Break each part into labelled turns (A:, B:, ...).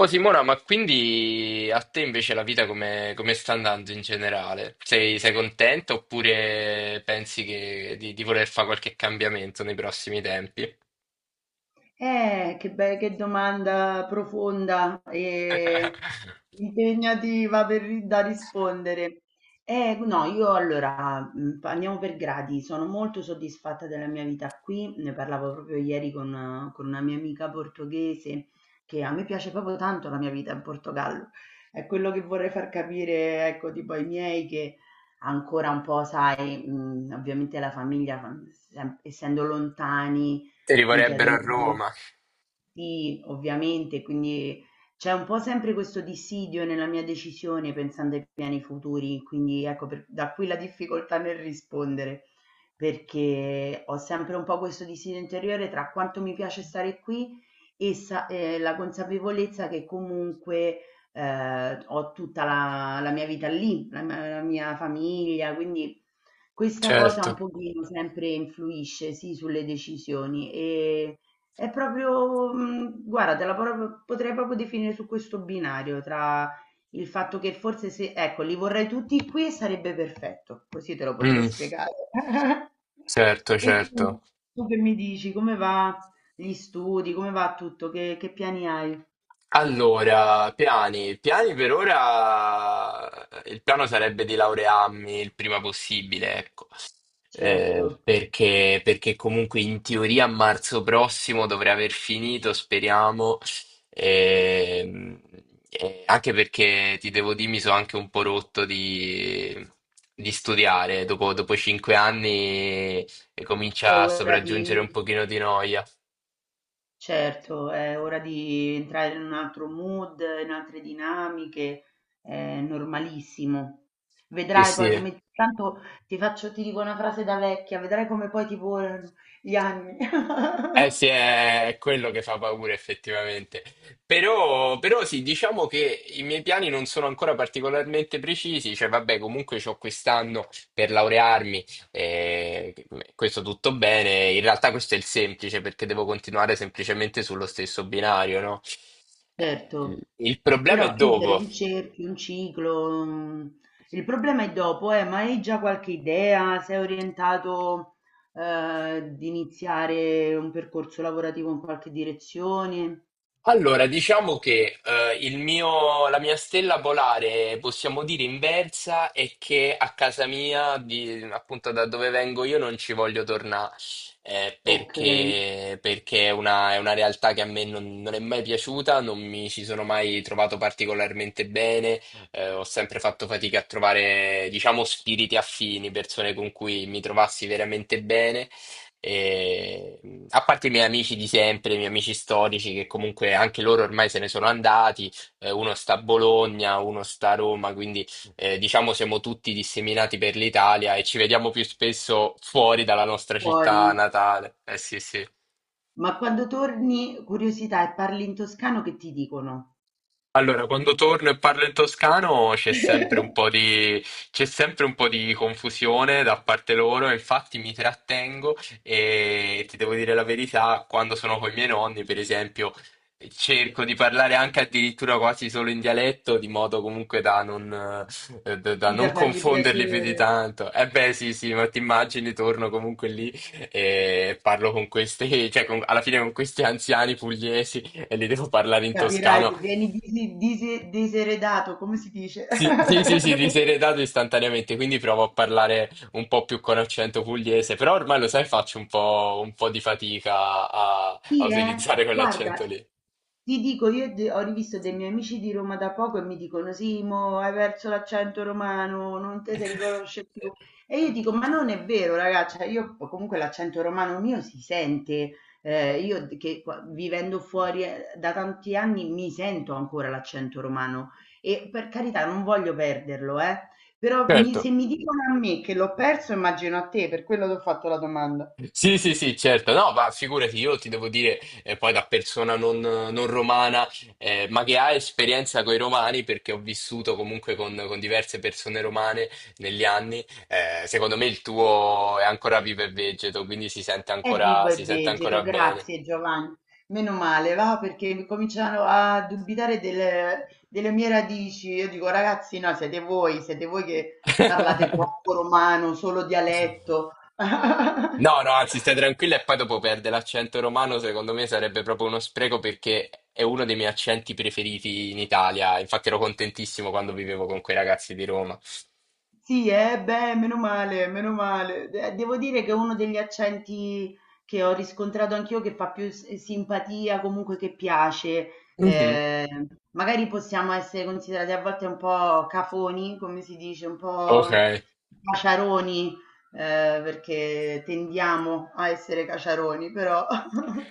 A: Oh Simona, ma quindi a te invece la vita come sta andando in generale? Sei contenta oppure pensi di voler fare qualche cambiamento nei prossimi tempi?
B: Che domanda profonda e impegnativa da rispondere. No, io allora andiamo per gradi. Sono molto soddisfatta della mia vita qui. Ne parlavo proprio ieri con una mia amica portoghese che a me piace proprio tanto la mia vita in Portogallo. È quello che vorrei far capire, ecco, tipo ai miei che ancora un po', sai, ovviamente la famiglia, essendo lontani
A: Ti
B: mi
A: rivorrebbero
B: chiedono
A: a
B: sempre.
A: Roma.
B: Sì, ovviamente, quindi c'è un po' sempre questo dissidio nella mia decisione pensando ai piani futuri, quindi ecco, da qui la difficoltà nel rispondere, perché ho sempre un po' questo dissidio interiore tra quanto mi piace stare qui e la consapevolezza che comunque ho tutta la mia vita lì, la mia famiglia, quindi questa cosa
A: Certo.
B: un pochino sempre influisce, sì, sulle decisioni. È proprio, guarda, te la proprio potrei proprio definire su questo binario, tra il fatto che forse se ecco, li vorrei tutti qui e sarebbe perfetto, così te lo potrei
A: Mm.
B: spiegare.
A: Certo,
B: E tu?
A: certo.
B: Tu che mi dici? Come va gli studi? Come va tutto? Che piani hai?
A: Allora, piani. Piani per ora. Il piano sarebbe di laurearmi il prima possibile, ecco. Eh,
B: Certo,
A: perché, perché comunque in teoria a marzo prossimo dovrei aver finito, speriamo. Ehm, e anche perché ti devo dire, mi sono anche un po' rotto di studiare. Dopo 5 anni e
B: è
A: comincia a
B: ora di
A: sopraggiungere un pochino di noia.
B: Certo, è ora di entrare in un altro mood, in altre dinamiche, è normalissimo.
A: Sì,
B: Vedrai poi
A: sì.
B: come tanto ti dico una frase da vecchia, vedrai come poi ti volano gli anni.
A: Eh sì, è quello che fa paura effettivamente. Però, però sì, diciamo che i miei piani non sono ancora particolarmente precisi, cioè vabbè, comunque c'ho quest'anno per laurearmi, eh, questo tutto bene. In realtà questo è il semplice perché devo continuare semplicemente sullo stesso binario, no? Eh, Il
B: Certo,
A: il problema è
B: però chiudere
A: dopo.
B: un cerchio, un ciclo, il problema è dopo, ma hai già qualche idea? Sei orientato, di iniziare un percorso lavorativo in qualche direzione?
A: Allora, diciamo che la mia stella polare, possiamo dire inversa, è che a casa mia, appunto da dove vengo io, non ci voglio tornare. eh,
B: Ok,
A: perché, perché è una realtà che a me non è mai piaciuta, non mi ci sono mai trovato particolarmente bene. Ho sempre fatto fatica a trovare, diciamo, spiriti affini, persone con cui mi trovassi veramente bene. E, a parte i miei amici di sempre, i miei amici storici, che comunque anche loro ormai se ne sono andati. Uno sta a Bologna, uno sta a Roma, quindi diciamo siamo tutti disseminati per l'Italia e ci vediamo più spesso fuori dalla nostra città
B: fuori.
A: natale. Eh sì, sì.
B: Ma quando torni, curiosità, e parli in toscano che ti dicono?
A: Allora, quando torno e parlo in toscano c'è sempre un po' di confusione da parte loro, infatti mi trattengo e ti devo dire la verità, quando sono con i miei nonni, per esempio, cerco di parlare anche addirittura quasi solo in dialetto, di modo comunque da
B: Sì,
A: non
B: da fargli
A: confonderli più di
B: piacere,
A: tanto. Eh beh, sì, sì, ma ti immagini, torno comunque lì e parlo con questi, cioè alla fine con questi anziani pugliesi e li devo parlare in
B: capirai,
A: toscano.
B: vieni diseredato, come si dice?
A: Sì, sì, sì, sì, ti sei redato istantaneamente, quindi provo a parlare un po' più con accento pugliese, però ormai lo sai, faccio un po' di fatica a, a
B: Sì, eh.
A: utilizzare
B: Guarda,
A: quell'accento lì.
B: ti dico, io ho rivisto dei miei amici di Roma da poco e mi dicono, sì, mo hai perso l'accento romano, non te si riconosce più. E io dico, ma non è vero, ragazza, io comunque l'accento romano mio si sente, io d- che qua- vivendo fuori da tanti anni mi sento ancora l'accento romano e per carità non voglio perderlo, eh. Però
A: Certo.
B: se mi dicono a me che l'ho perso, immagino a te, per quello ti ho fatto la domanda.
A: Sì, sì, sì, certo. No, ma figurati, io ti devo dire, poi da persona non romana, ma che ha esperienza con i romani, perché ho vissuto comunque con diverse persone romane negli anni, secondo me il tuo è ancora vivo e vegeto, quindi
B: È vivo e
A: si sente
B: vegeto,
A: ancora bene.
B: grazie Giovanni. Meno male, va perché cominciano a dubitare delle mie radici. Io dico, ragazzi, no, siete voi che parlate troppo romano, solo dialetto.
A: No, no, anzi, stai tranquilla e poi dopo perde l'accento romano, secondo me sarebbe proprio uno spreco perché è uno dei miei accenti preferiti in Italia. Infatti ero contentissimo quando vivevo con quei ragazzi di Roma.
B: Sì, beh, meno male, meno male. Devo dire che è uno degli accenti che ho riscontrato anch'io che fa più simpatia, comunque che piace.
A: Mhm.
B: Eh, magari possiamo essere considerati a volte un po' cafoni, come si dice, un
A: Ok,
B: po' caciaroni, perché tendiamo a essere caciaroni, però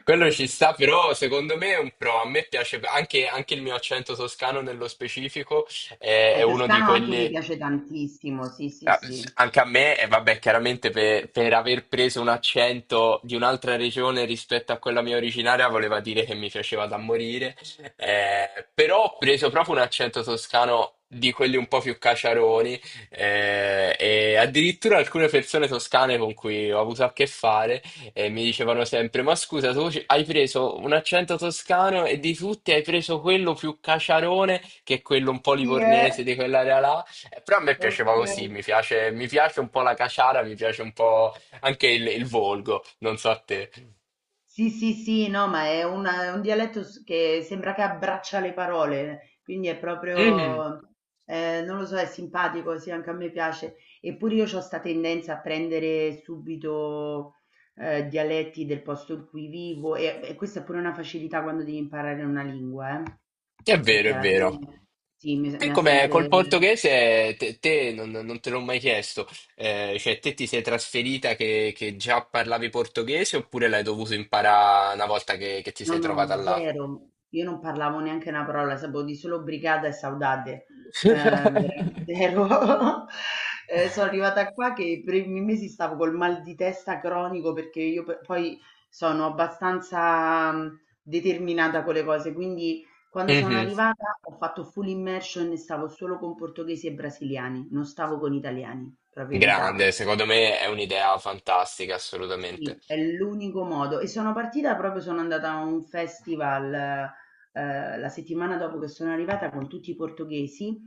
A: quello ci sta, però secondo me è un pro. A me piace anche il mio accento toscano nello specifico, è
B: il
A: uno di
B: toscano anche mi
A: quelli.
B: piace tantissimo, sì, sì,
A: Ah.
B: sì.
A: Anche a me, e vabbè, chiaramente per aver preso un accento di un'altra regione rispetto a quella mia originaria voleva dire che mi piaceva da morire, eh, però ho preso proprio un accento toscano di quelli un po' più caciaroni. E addirittura alcune persone toscane con cui ho avuto a che fare mi dicevano sempre: Ma scusa, hai preso un accento toscano e di tutti hai preso quello più caciarone che è quello un po'
B: Sì,
A: livornese di quell'area là. Però a me
B: ok.
A: piaceva così, mi piace un po' la caciara, mi piace un po' anche il volgo, non so a te.
B: Sì, sì, sì, no, ma è un dialetto che sembra che abbraccia le parole, quindi è
A: Mhm.
B: proprio, non lo so, è simpatico, sì, anche a me piace. Eppure io ho questa tendenza a prendere subito dialetti del posto in cui vivo e questa è pure una facilità quando devi imparare una lingua,
A: È vero,
B: perché
A: è
B: alla
A: vero.
B: fine sì, mi
A: Te
B: mi ha
A: come
B: sempre.
A: col portoghese, te non te l'ho mai chiesto, cioè te ti sei trasferita che già parlavi portoghese oppure l'hai dovuto imparare una volta che ti
B: No,
A: sei
B: no,
A: trovata là?
B: zero. Io non parlavo neanche una parola, sapevo di solo brigata e saudade. Veramente zero. Sono arrivata qua che per i primi mesi stavo col mal di testa cronico perché io poi sono abbastanza determinata con le cose, quindi quando sono
A: Mhm.
B: arrivata ho fatto full immersion e stavo solo con portoghesi e brasiliani, non stavo con italiani, proprio
A: Grande,
B: evitavo.
A: secondo me è un'idea fantastica, assolutamente.
B: Sì, è l'unico modo. E sono partita proprio sono andata a un festival, la settimana dopo che sono arrivata con tutti i portoghesi,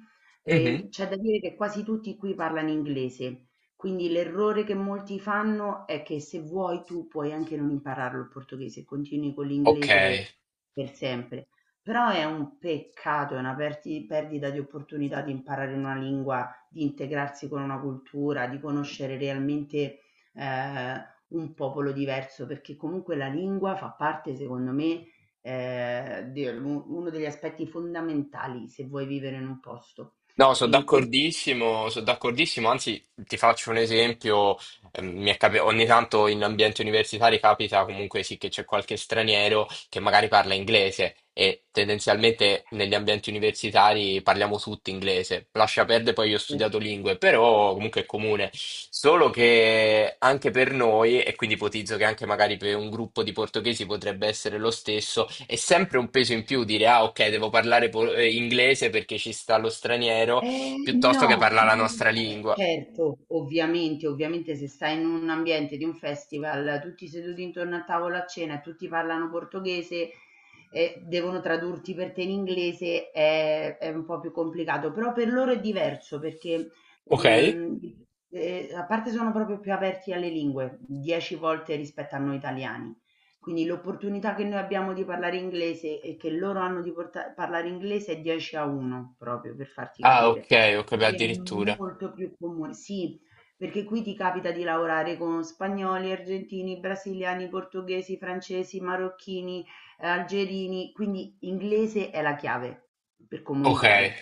A: Mhm.
B: e c'è da dire che quasi tutti qui parlano inglese. Quindi l'errore che molti fanno è che se vuoi tu puoi anche non impararlo il portoghese, continui con
A: Ok.
B: l'inglese per sempre. Però è un peccato, è una perdita di opportunità di imparare una lingua, di integrarsi con una cultura, di conoscere realmente eh, un popolo diverso, perché comunque la lingua fa parte, secondo me, di uno degli aspetti fondamentali se vuoi vivere in un posto.
A: No,
B: E conoscere
A: sono d'accordissimo, anzi ti faccio un esempio. Ogni tanto in ambienti universitari capita comunque sì che c'è qualche straniero che magari parla inglese e tendenzialmente negli ambienti universitari parliamo tutti inglese. Lascia perdere, poi io ho studiato lingue, però comunque è comune. Solo che anche per noi, e quindi ipotizzo che anche magari per un gruppo di portoghesi potrebbe essere lo stesso, è sempre un peso in più dire ah ok, devo parlare inglese perché ci sta lo straniero, piuttosto che
B: No,
A: parlare la nostra
B: vabbè,
A: lingua.
B: certo, ovviamente, ovviamente se stai in un ambiente di un festival, tutti seduti intorno a tavola a cena e tutti parlano portoghese e devono tradurti per te in inglese, è un po' più complicato, però per loro è diverso perché
A: Ok?
B: mm, a parte sono proprio più aperti alle lingue, 10 volte rispetto a noi italiani. Quindi l'opportunità che noi abbiamo di parlare inglese e che loro hanno di parlare inglese è 10 a 1 proprio per farti
A: Ah,
B: capire.
A: ok, ok, beh,
B: Sì, è
A: addirittura.
B: molto più comune, sì, perché qui ti capita di lavorare con spagnoli, argentini, brasiliani, portoghesi, francesi, marocchini, algerini, quindi inglese è la chiave per
A: Ok,
B: comunicare.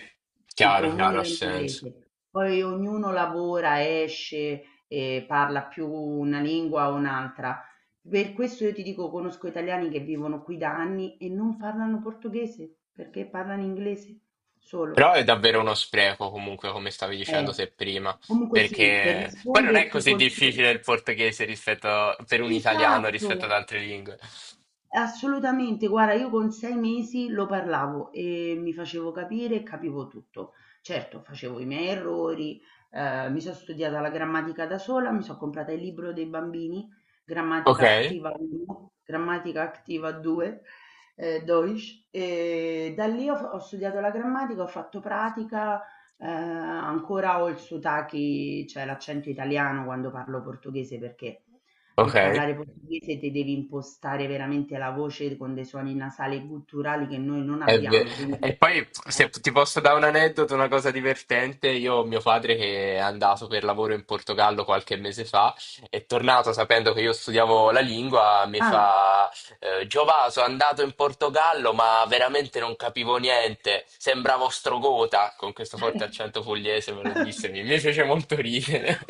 B: Si
A: chiaro, chiaro, ha
B: comunica in
A: senso.
B: inglese, poi ognuno lavora, esce e parla più una lingua o un'altra. Per questo io ti dico, conosco italiani che vivono qui da anni e non parlano portoghese, perché parlano inglese
A: Però
B: solo.
A: è davvero uno spreco, comunque, come stavi dicendo
B: Eh,
A: te prima,
B: comunque sì. per
A: perché poi non è
B: risponderti
A: così
B: consi
A: difficile il portoghese rispetto per un italiano
B: Esatto.
A: rispetto ad altre lingue.
B: Assolutamente, guarda io con 6 mesi lo parlavo e mi facevo capire e capivo tutto. Certo, facevo i miei errori, mi so' studiata la grammatica da sola, mi so' comprata il libro dei bambini,
A: Ok,
B: Grammatica Activa 1, Grammatica Activa 2, Deutsch, e da lì ho studiato la grammatica, ho fatto pratica, ancora ho il sotachi cioè l'accento italiano quando parlo portoghese perché per
A: ok.
B: parlare portoghese te devi impostare veramente la voce con dei suoni nasali culturali che noi non
A: È ve-
B: abbiamo, quindi
A: E poi se
B: eh.
A: ti posso dare un aneddoto, una cosa divertente, io ho mio padre che è andato per lavoro in Portogallo qualche mese fa, è tornato sapendo che io studiavo la lingua, mi
B: Ah,
A: fa Giova, sono andato in Portogallo ma veramente non capivo niente, sembravo Strogota, con questo forte accento pugliese me lo disse, mi fece molto ridere.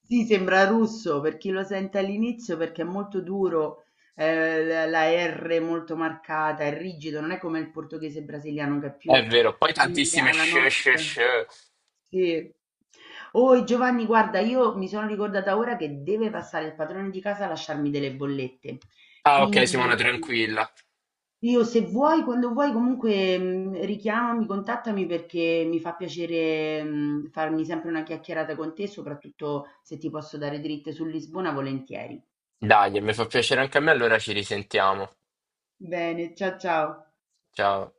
B: sì, sembra russo per chi lo sente all'inizio perché è molto duro, la R molto marcata, è rigido, non è come il portoghese brasiliano che è
A: È
B: più
A: vero, poi
B: simile
A: tantissime
B: alla
A: sh, sh,
B: nostra.
A: sh.
B: Sì. Oh Giovanni, guarda, io mi sono ricordata ora che deve passare il padrone di casa a lasciarmi delle bollette,
A: Ah ok Simona,
B: quindi.
A: tranquilla.
B: Io se vuoi, quando vuoi, comunque richiamami, contattami perché mi fa piacere farmi sempre una chiacchierata con te, soprattutto se ti posso dare dritte su Lisbona, volentieri.
A: Dai, mi fa piacere anche a me, allora ci risentiamo.
B: Bene, ciao ciao.
A: Ciao.